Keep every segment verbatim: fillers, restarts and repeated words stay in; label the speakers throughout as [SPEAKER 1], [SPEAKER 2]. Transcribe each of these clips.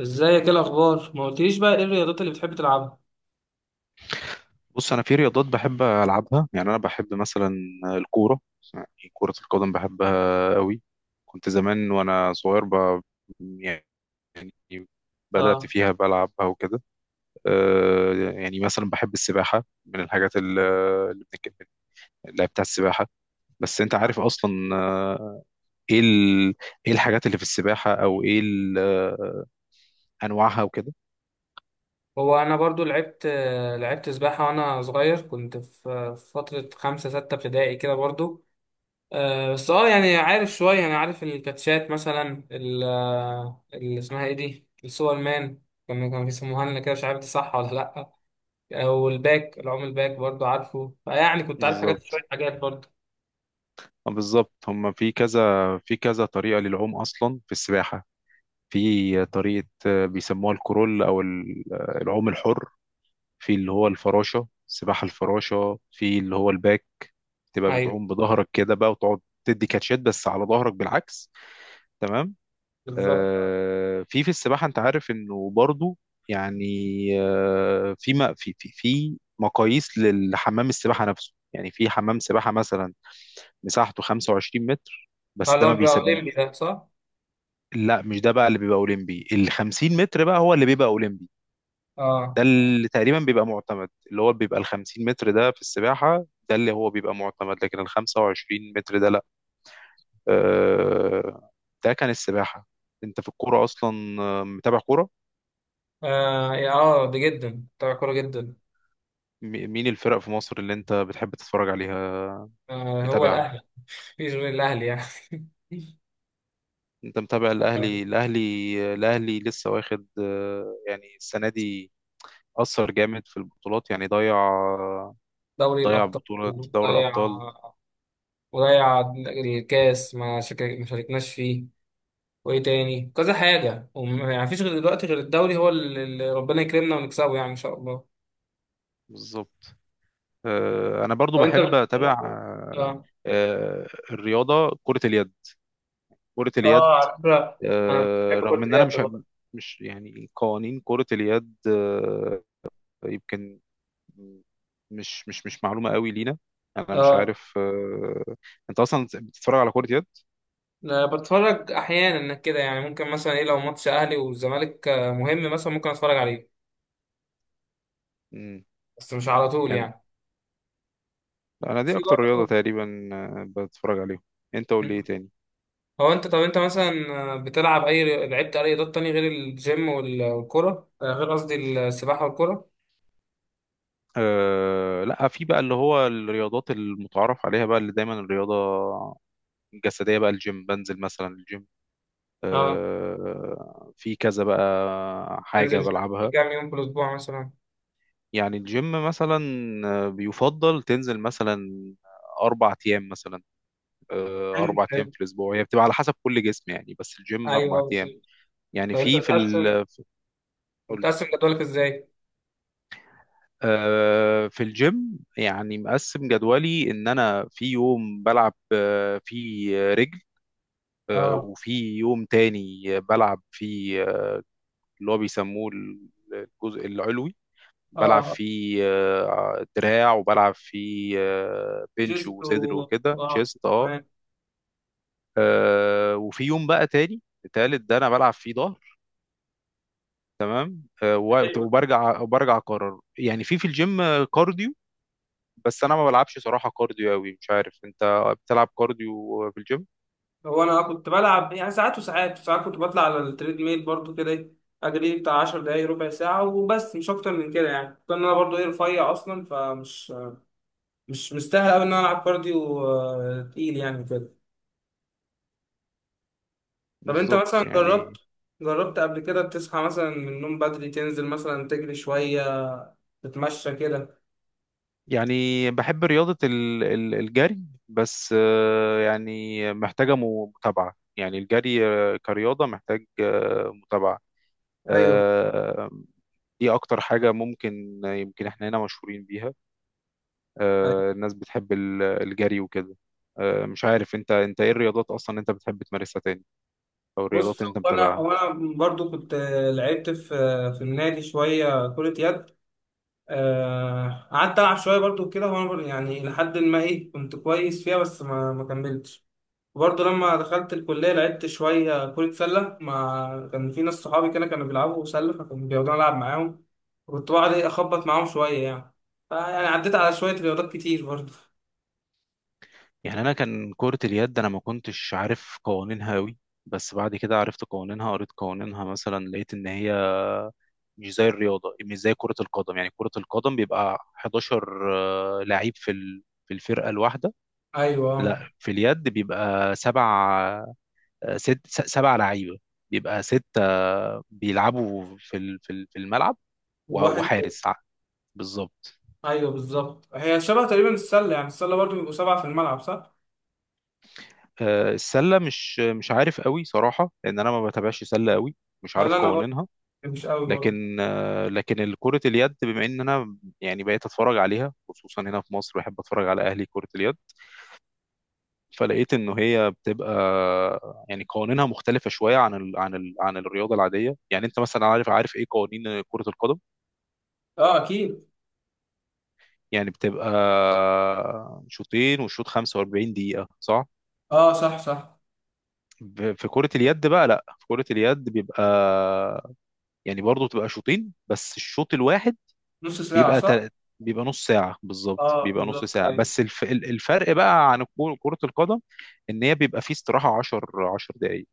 [SPEAKER 1] ازيك؟ ايه الاخبار؟ ما قلتليش بقى ايه الرياضات اللي بتحب تلعبها؟
[SPEAKER 2] بص، انا في رياضات بحب العبها. يعني انا بحب مثلا الكوره. يعني كره القدم بحبها قوي. كنت زمان وانا صغير ب... يعني بدات
[SPEAKER 1] اه
[SPEAKER 2] فيها بلعبها وكده. آه، يعني مثلا بحب السباحه من الحاجات ال- اللي بنتكلم، اللي بتاع السباحه. بس انت عارف اصلا. آه، ايه ال... ايه الحاجات اللي في السباحه، او ايه ال... انواعها وكده.
[SPEAKER 1] هو انا برضو لعبت لعبت سباحه وانا صغير، كنت في في فتره خمسة ستة ابتدائي كده برضو. آه، بس اه يعني عارف شويه، انا عارف الكاتشات مثلا ال- آه، اللي اسمها ايه دي السوبر مان، كانوا كانوا بيسموها لنا كده مش عارف دي صح ولا لا. او الباك، العوم الباك برضو عارفه، فيعني كنت عارف حاجات
[SPEAKER 2] بالظبط.
[SPEAKER 1] شويه حاجات برضو.
[SPEAKER 2] آه، بالظبط، هم في كذا في كذا طريقه للعوم اصلا في السباحه. في طريقة آه، بيسموها الكرول، أو ال- آه، العوم الحر. في اللي هو الفراشة، سباحة الفراشة. في اللي هو الباك، تبقى
[SPEAKER 1] ايوه
[SPEAKER 2] بتعوم بظهرك كده بقى، وتقعد تدي كاتشات بس على ظهرك بالعكس. تمام.
[SPEAKER 1] بالظبط، اه،
[SPEAKER 2] آه، في في السباحة أنت عارف إنه برضو يعني. آه، في ما في في في مقاييس للحمام السباحة نفسه. يعني في حمام سباحة مثلا مساحته خمسة وعشرين متر، بس
[SPEAKER 1] اللي
[SPEAKER 2] ده
[SPEAKER 1] هو
[SPEAKER 2] ما
[SPEAKER 1] بيبقى
[SPEAKER 2] بيسب.
[SPEAKER 1] اولمبي ده صح؟
[SPEAKER 2] لا، مش ده بقى اللي بيبقى اولمبي، ال خمسين متر بقى هو اللي بيبقى اولمبي.
[SPEAKER 1] اه
[SPEAKER 2] ده اللي تقريبا بيبقى معتمد، اللي هو بيبقى ال خمسين متر ده في السباحة، ده اللي هو بيبقى معتمد، لكن ال خمسة وعشرين متر ده لا. آه، ده كان السباحة. انت في الكورة اصلا آه، متابع كورة؟
[SPEAKER 1] اه، يا- آه، ده جدا بتاع كوره جدا.
[SPEAKER 2] م- مين الفرق في مصر اللي انت بتحب تتفرج عليها؟
[SPEAKER 1] آه هو
[SPEAKER 2] متابعها؟
[SPEAKER 1] الاهلي، مفيش غير الاهلي يعني.
[SPEAKER 2] انت متابع الاهلي الاهلي الاهلي لسه واخد آه، يعني السنة دي أثر جامد في البطولات. يعني ضيع،
[SPEAKER 1] دوري
[SPEAKER 2] ضيع
[SPEAKER 1] الابطال،
[SPEAKER 2] بطولة دوري
[SPEAKER 1] ضيع،
[SPEAKER 2] الأبطال.
[SPEAKER 1] وضيع الكاس، ما شك- ما شاركناش فيه، وايه تاني كذا حاجه وم- يعني مفيش غير دلوقتي غير الدوري، هو اللي اللي ربنا يكرمنا ونكسبه يعني ان شاء الله.
[SPEAKER 2] بالظبط. آه، انا برضو
[SPEAKER 1] لو
[SPEAKER 2] بحب
[SPEAKER 1] انت،
[SPEAKER 2] اتابع آه،
[SPEAKER 1] اه.
[SPEAKER 2] آه، الرياضه، كره اليد. كره اليد
[SPEAKER 1] اه، على فكرة انا
[SPEAKER 2] آه،
[SPEAKER 1] بحب كرة
[SPEAKER 2] رغم ان انا
[SPEAKER 1] اليد
[SPEAKER 2] مش
[SPEAKER 1] برضه.
[SPEAKER 2] مش يعني قوانين كره اليد. آه، يمكن مش مش مش معلومه قوي لينا. انا مش
[SPEAKER 1] اه،
[SPEAKER 2] عارف. آه، انت اصلا بتتفرج على كره يد؟
[SPEAKER 1] أنا بتفرج احيانا كده، يعني ممكن مثلا ايه لو ماتش اهلي والزمالك آه، مهم مثلا ممكن اتفرج عليه.
[SPEAKER 2] مم.
[SPEAKER 1] بس مش على طول
[SPEAKER 2] يعني
[SPEAKER 1] يعني،
[SPEAKER 2] انا دي
[SPEAKER 1] في
[SPEAKER 2] اكتر رياضه
[SPEAKER 1] برضه.
[SPEAKER 2] تقريبا آه، بتفرج عليهم. انت قول لي ايه
[SPEAKER 1] مم.
[SPEAKER 2] تاني؟
[SPEAKER 1] هو انت، طب انت مثلا بتلعب اي ري- لعبت اي رياضات تانية غير الجيم وال- والكرة، آه، غير قصدي السباحة والكرة.
[SPEAKER 2] آه لا، في بقى اللي هو الرياضات المتعارف عليها بقى، اللي دايما الرياضة جسدية بقى. الجيم، بنزل مثلا الجيم.
[SPEAKER 1] اه،
[SPEAKER 2] آه، في كذا بقى
[SPEAKER 1] تنزل
[SPEAKER 2] حاجة
[SPEAKER 1] الجيم
[SPEAKER 2] بلعبها.
[SPEAKER 1] كام يوم في الاسبوع مثلا؟
[SPEAKER 2] يعني الجيم مثلا آه، بيفضل تنزل مثلا أربع أيام مثلا. آه،
[SPEAKER 1] حلو
[SPEAKER 2] أربع أيام
[SPEAKER 1] حلو،
[SPEAKER 2] في الأسبوع، هي بتبقى على حسب كل جسم. يعني بس الجيم أربع
[SPEAKER 1] ايوه
[SPEAKER 2] أيام
[SPEAKER 1] بالظبط.
[SPEAKER 2] يعني
[SPEAKER 1] طب انت
[SPEAKER 2] في في
[SPEAKER 1] بتقسم
[SPEAKER 2] ال قول.
[SPEAKER 1] بتقسم جدولك ازاي؟
[SPEAKER 2] آه، في الجيم يعني مقسم جدولي إن أنا في يوم بلعب آه، فيه رجل، آه،
[SPEAKER 1] اه،
[SPEAKER 2] وفي يوم تاني بلعب فيه اللي هو بيسموه الجزء العلوي، بلعب
[SPEAKER 1] اه،
[SPEAKER 2] فيه آه، دراع، وبلعب فيه آه، بنش
[SPEAKER 1] جزء
[SPEAKER 2] وصدر
[SPEAKER 1] و
[SPEAKER 2] وكده
[SPEAKER 1] اه،
[SPEAKER 2] تشيست. اه.
[SPEAKER 1] تمام.
[SPEAKER 2] آه، وفي يوم بقى تاني التالت ده انا بلعب فيه ظهر. آه، و- وبرجع وبرجع اكرر يعني. في في الجيم آه، كارديو، بس انا ما بلعبش صراحة كارديو قوي. مش عارف، انت بتلعب كارديو في الجيم؟
[SPEAKER 1] هو انا كنت بلعب يعني ساعات وساعات ساعات، كنت بطلع على التريد ميل برضو كده، إيه، اجري بتاع 10 دقايق ربع ساعه وبس مش اكتر من كده يعني. كنت انا برضو ايه رفيع اصلا، فمش مش مستاهل قوي ان انا العب كارديو آه، تقيل يعني كده. طب انت
[SPEAKER 2] بالظبط
[SPEAKER 1] مثلا جربت
[SPEAKER 2] يعني
[SPEAKER 1] جربت قبل كده تصحى مثلا من النوم بدري تنزل مثلا تجري شويه، تتمشى كده؟
[SPEAKER 2] يعني بحب رياضة ال- ال- الجري. بس آه، يعني محتاجة م- متابعة. يعني الجري آه، كرياضة محتاج آه، متابعة.
[SPEAKER 1] ايوه،
[SPEAKER 2] آه، دي اكتر حاجة. ممكن يمكن احنا هنا مشهورين بيها.
[SPEAKER 1] أيوة.
[SPEAKER 2] آه، الناس بتحب ال- الجري وكده. آه، مش عارف انت، انت ايه الرياضات اصلا انت بتحب تمارسها تاني؟ او
[SPEAKER 1] بص
[SPEAKER 2] الرياضات اللي انت
[SPEAKER 1] هو انا
[SPEAKER 2] متابعها؟
[SPEAKER 1] هو انا برضو كنت آه، لعبت في آه، في النادي شويه كره يد. آه، قعدت ألعب شوية برضو كده، وأنا بر- يعني لحد ما إيه كنت كويس فيها، بس ما ما كملتش. وبرضه لما دخلت الكلية لعبت شوية كرة سلة، مع كان في ناس صحابي كده كانوا بيلعبوا سلة، فكانوا بيقعدوا ألعب معاهم، وكنت بقعد إيه أخبط معاهم شوية يعني، فيعني عديت على شوية رياضات كتير برضه.
[SPEAKER 2] يعني انا كان كرة اليد، انا ما كنتش عارف قوانينها قوي، بس بعد كده عرفت قوانينها، قريت قوانينها. مثلا لقيت ان هي مش زي الرياضة، مش زي كرة القدم. يعني كرة القدم بيبقى احداشر آه، لعيب في ال- في الفرقة الواحدة.
[SPEAKER 1] أيوه،
[SPEAKER 2] لا، في اليد بيبقى سبع، آه، ست س- سبع لعيبه، بيبقى ستة بيلعبوا في ال- في ال- في الملعب، و-
[SPEAKER 1] الواحد.
[SPEAKER 2] وحارس ع- بالظبط.
[SPEAKER 1] أيوه بالظبط، هي شبه تقريبا السلة، يعني السلة برضه بيبقوا سبعة في الملعب صح؟
[SPEAKER 2] آه، السلة مش مش عارف قوي صراحة، لأن أنا ما بتابعش سلة قوي، مش عارف
[SPEAKER 1] ولا أنا برضه،
[SPEAKER 2] قوانينها.
[SPEAKER 1] مش قوي برضه.
[SPEAKER 2] لكن آه، لكن كرة اليد، بما إن أنا يعني بقيت أتفرج عليها، خصوصا هنا في مصر بحب أتفرج على أهلي كرة اليد، فلقيت إنه هي بتبقى يعني قوانينها مختلفة شوية عن ال عن ال عن الرياضة العادية. يعني أنت مثلا عارف، عارف إيه قوانين كرة القدم.
[SPEAKER 1] أه أكيد.
[SPEAKER 2] يعني بتبقى شوطين، والشوط خمسة واربعين دقيقة صح؟
[SPEAKER 1] أه صح صح.
[SPEAKER 2] ب- في كرة اليد بقى، لا، في كرة اليد بيبقى يعني برضه بتبقى شوطين، بس الشوط الواحد
[SPEAKER 1] نص ساعة
[SPEAKER 2] بيبقى
[SPEAKER 1] صح؟
[SPEAKER 2] تل... بيبقى نص ساعة، بالظبط
[SPEAKER 1] أه
[SPEAKER 2] بيبقى نص
[SPEAKER 1] بالظبط،
[SPEAKER 2] ساعة.
[SPEAKER 1] أيوة.
[SPEAKER 2] بس الف... ال- الفرق بقى عن الكو- كرة القدم، ان هي بيبقى فيه استراحة عشر عشرة دقايق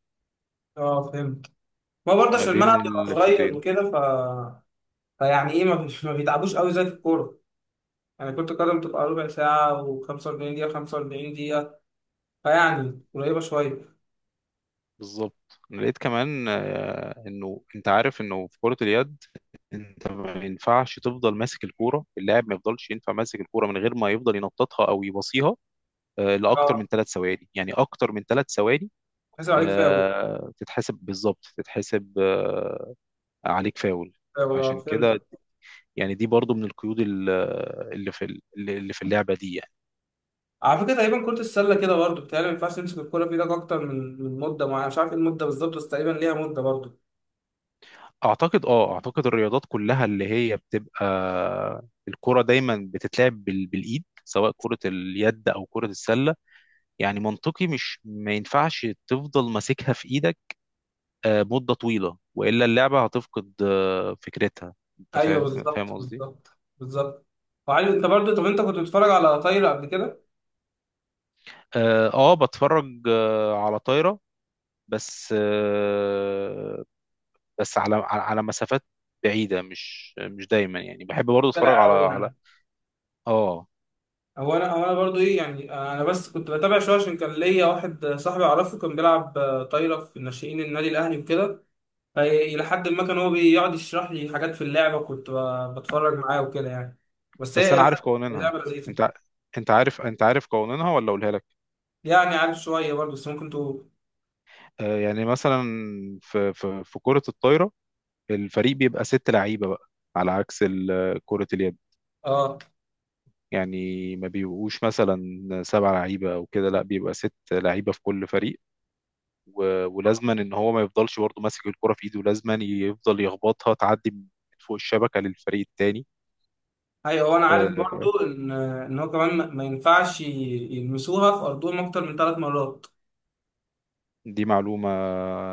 [SPEAKER 1] اه فهمت، ما برضه
[SPEAKER 2] ما
[SPEAKER 1] عشان
[SPEAKER 2] بين
[SPEAKER 1] الملعب بيبقى صغير
[SPEAKER 2] الشوطين.
[SPEAKER 1] وكده ف... فيعني ايه ما, بيش... ما بيتعبوش قوي زي في الكوره، يعني كرة القدم بتبقى ربع ساعة و45 دقيقة، 45 دقيقة فيعني قريبة شوية.
[SPEAKER 2] بالظبط، انا لقيت كمان آه، انه انت عارف انه في كرة اليد، انت ما ينفعش تفضل ماسك الكوره، اللاعب ما يفضلش ينفع ماسك الكوره من غير ما يفضل ينططها او يباصيها آه، لاكتر
[SPEAKER 1] اه،
[SPEAKER 2] من ثلاث ثواني. يعني اكتر من ثلاث ثواني
[SPEAKER 1] حسب عليك فاول.
[SPEAKER 2] آه، تتحسب، بالظبط تتحسب آه، عليك فاول.
[SPEAKER 1] فاول، اه
[SPEAKER 2] عشان كده،
[SPEAKER 1] فهمتك.
[SPEAKER 2] يعني دي برضو من القيود ال- اللي في ال- اللي في اللعبه دي يعني.
[SPEAKER 1] على فكرة تقريبا كرة السلة كده برضه بتهيألي ما ينفعش تمسك الكورة في ايدك أكتر من من مدة معينة، مش عارف ايه المدة بالظبط، بس تقريبا ليها مدة برضه.
[SPEAKER 2] اعتقد اه اعتقد الرياضات كلها اللي هي بتبقى الكرة دايما بتتلعب بال- بالايد، سواء كرة اليد او كرة السلة. يعني منطقي، مش ما ينفعش تفضل ماسكها في ايدك آه، مدة طويلة، والا اللعبة هتفقد آه، فكرتها. انت
[SPEAKER 1] أيوه
[SPEAKER 2] فاهم، فاهم
[SPEAKER 1] بالظبط،
[SPEAKER 2] قصدي؟
[SPEAKER 1] بالظبط بالظبط. وعلي، أنت برضه، طب أنت كنت بتتفرج على طايرة قبل كده؟
[SPEAKER 2] اه. آه، بتفرج آه، على طايرة، بس آه، بس على على على مسافات بعيدة، مش مش دايما. يعني بحب برضه اتفرج
[SPEAKER 1] طلع
[SPEAKER 2] على
[SPEAKER 1] قوي
[SPEAKER 2] على
[SPEAKER 1] يعني.
[SPEAKER 2] اه.
[SPEAKER 1] هو انا هو انا برضو ايه يعني انا بس كنت بتابع شويه عشان كان ليا واحد صاحبي اعرفه كان بيلعب آه، طايره في ناشئين النادي الاهلي وكده. فإيه الى حد ما كان هو بيقعد يشرح لي حاجات في اللعبه، كنت ب- بتفرج معاه وكده يعني، بس
[SPEAKER 2] بس
[SPEAKER 1] هي
[SPEAKER 2] انا
[SPEAKER 1] الى
[SPEAKER 2] عارف
[SPEAKER 1] حد
[SPEAKER 2] قوانينها.
[SPEAKER 1] اللعبه
[SPEAKER 2] انت
[SPEAKER 1] لذيذه.
[SPEAKER 2] ع- انت عارف، انت عارف قوانينها ولا اقولها لك؟
[SPEAKER 1] يعني عارف شويه برضو، بس ممكن تقول.
[SPEAKER 2] آه، يعني مثلا في في في كرة الطايرة، الفريق بيبقى ست لعيبة بقى، على عكس ال- كرة اليد.
[SPEAKER 1] اه،
[SPEAKER 2] يعني ما بيبقوش مثلا سبع لعيبة أو كده، لا بيبقى ست لعيبة في كل فريق. و- ولازما إن هو ما يفضلش برضه ماسك الكرة في إيده، لازما يفضل يخبطها تعدي من فوق الشبكة للفريق التاني.
[SPEAKER 1] ايوه، هو انا عارف
[SPEAKER 2] آه،
[SPEAKER 1] برضو ان ان هو كمان ما ما ينفعش ي- يلمسوها في ارضهم اكتر من ثلاث مرات.
[SPEAKER 2] دي معلومة.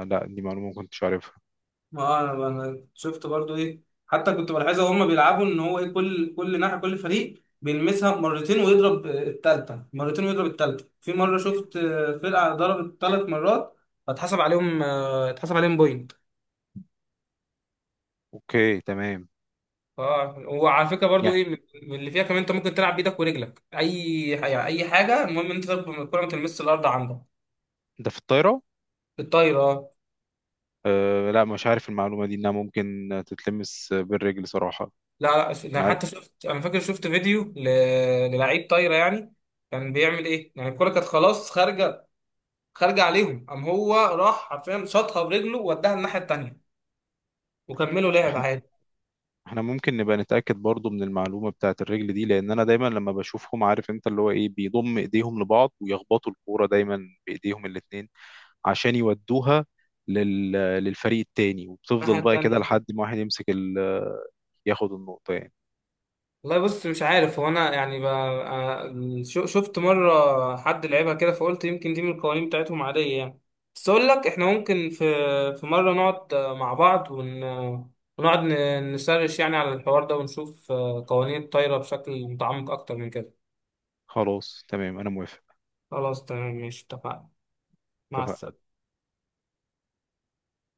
[SPEAKER 2] لا، دي معلومة ما كنتش عارفها.
[SPEAKER 1] ما هو انا انا شفت برضو ايه حتى كنت بلاحظها وهم بيلعبوا ان هو ايه كل كل ناحيه، كل فريق بيلمسها مرتين ويضرب الثالثه، مرتين ويضرب الثالثه. في مره شفت آه، فرقه ضربت ثلاث مرات، فاتحسب عليهم آه، اتحسب عليهم بوينت.
[SPEAKER 2] أوكي تمام.
[SPEAKER 1] اه، وعلى فكره برضو
[SPEAKER 2] يعني
[SPEAKER 1] ايه من اللي فيها كمان انت ممكن تلعب بايدك ورجلك، اي يعني اي حاجه، المهم انت تضرب الكره ما تلمسش الارض عندك.
[SPEAKER 2] ده في الطايرة.
[SPEAKER 1] الطايره آه.
[SPEAKER 2] آه، لا، مش عارف المعلومة دي إنها ممكن تتلمس بالرجل صراحة.
[SPEAKER 1] لا لا، انا
[SPEAKER 2] أنا عارف.
[SPEAKER 1] حتى شفت، انا فاكر شفت فيديو ل- للعيب طايره يعني، كان بيعمل ايه يعني، الكرة كانت خلاص خارجة، خارجه عليهم، قام هو راح حرفيا شاطها برجله ووداها الناحيه التانيه وكملوا لعب عادي.
[SPEAKER 2] احنا ممكن نبقى نتأكد برضو من المعلومة بتاعت الرجل دي، لان انا دايما لما بشوفهم، عارف انت، اللي هو ايه بيضم ايديهم لبعض ويخبطوا الكورة دايما بايديهم الاتنين، عشان يودوها لل... للفريق التاني،
[SPEAKER 1] الناحيه
[SPEAKER 2] وبتفضل بقى كده
[SPEAKER 1] التانيه.
[SPEAKER 2] لحد ما واحد يمسك ال... ياخد النقطة يعني.
[SPEAKER 1] والله، بص مش عارف، هو انا يعني ب... آه، شو- شفت مره حد لعبها كده، فقلت يمكن دي من القوانين بتاعتهم عاديه يعني. بس اقول لك احنا ممكن في في مره نقعد آه، مع بعض ون... آه، ونقعد ن- نسرش يعني على الحوار ده ونشوف آه، قوانين الطايره بشكل متعمق اكتر من كده.
[SPEAKER 2] خلاص تمام، انا موافق.
[SPEAKER 1] خلاص تمام، ماشي اتفقنا. مع
[SPEAKER 2] اتفقنا.
[SPEAKER 1] السلامه.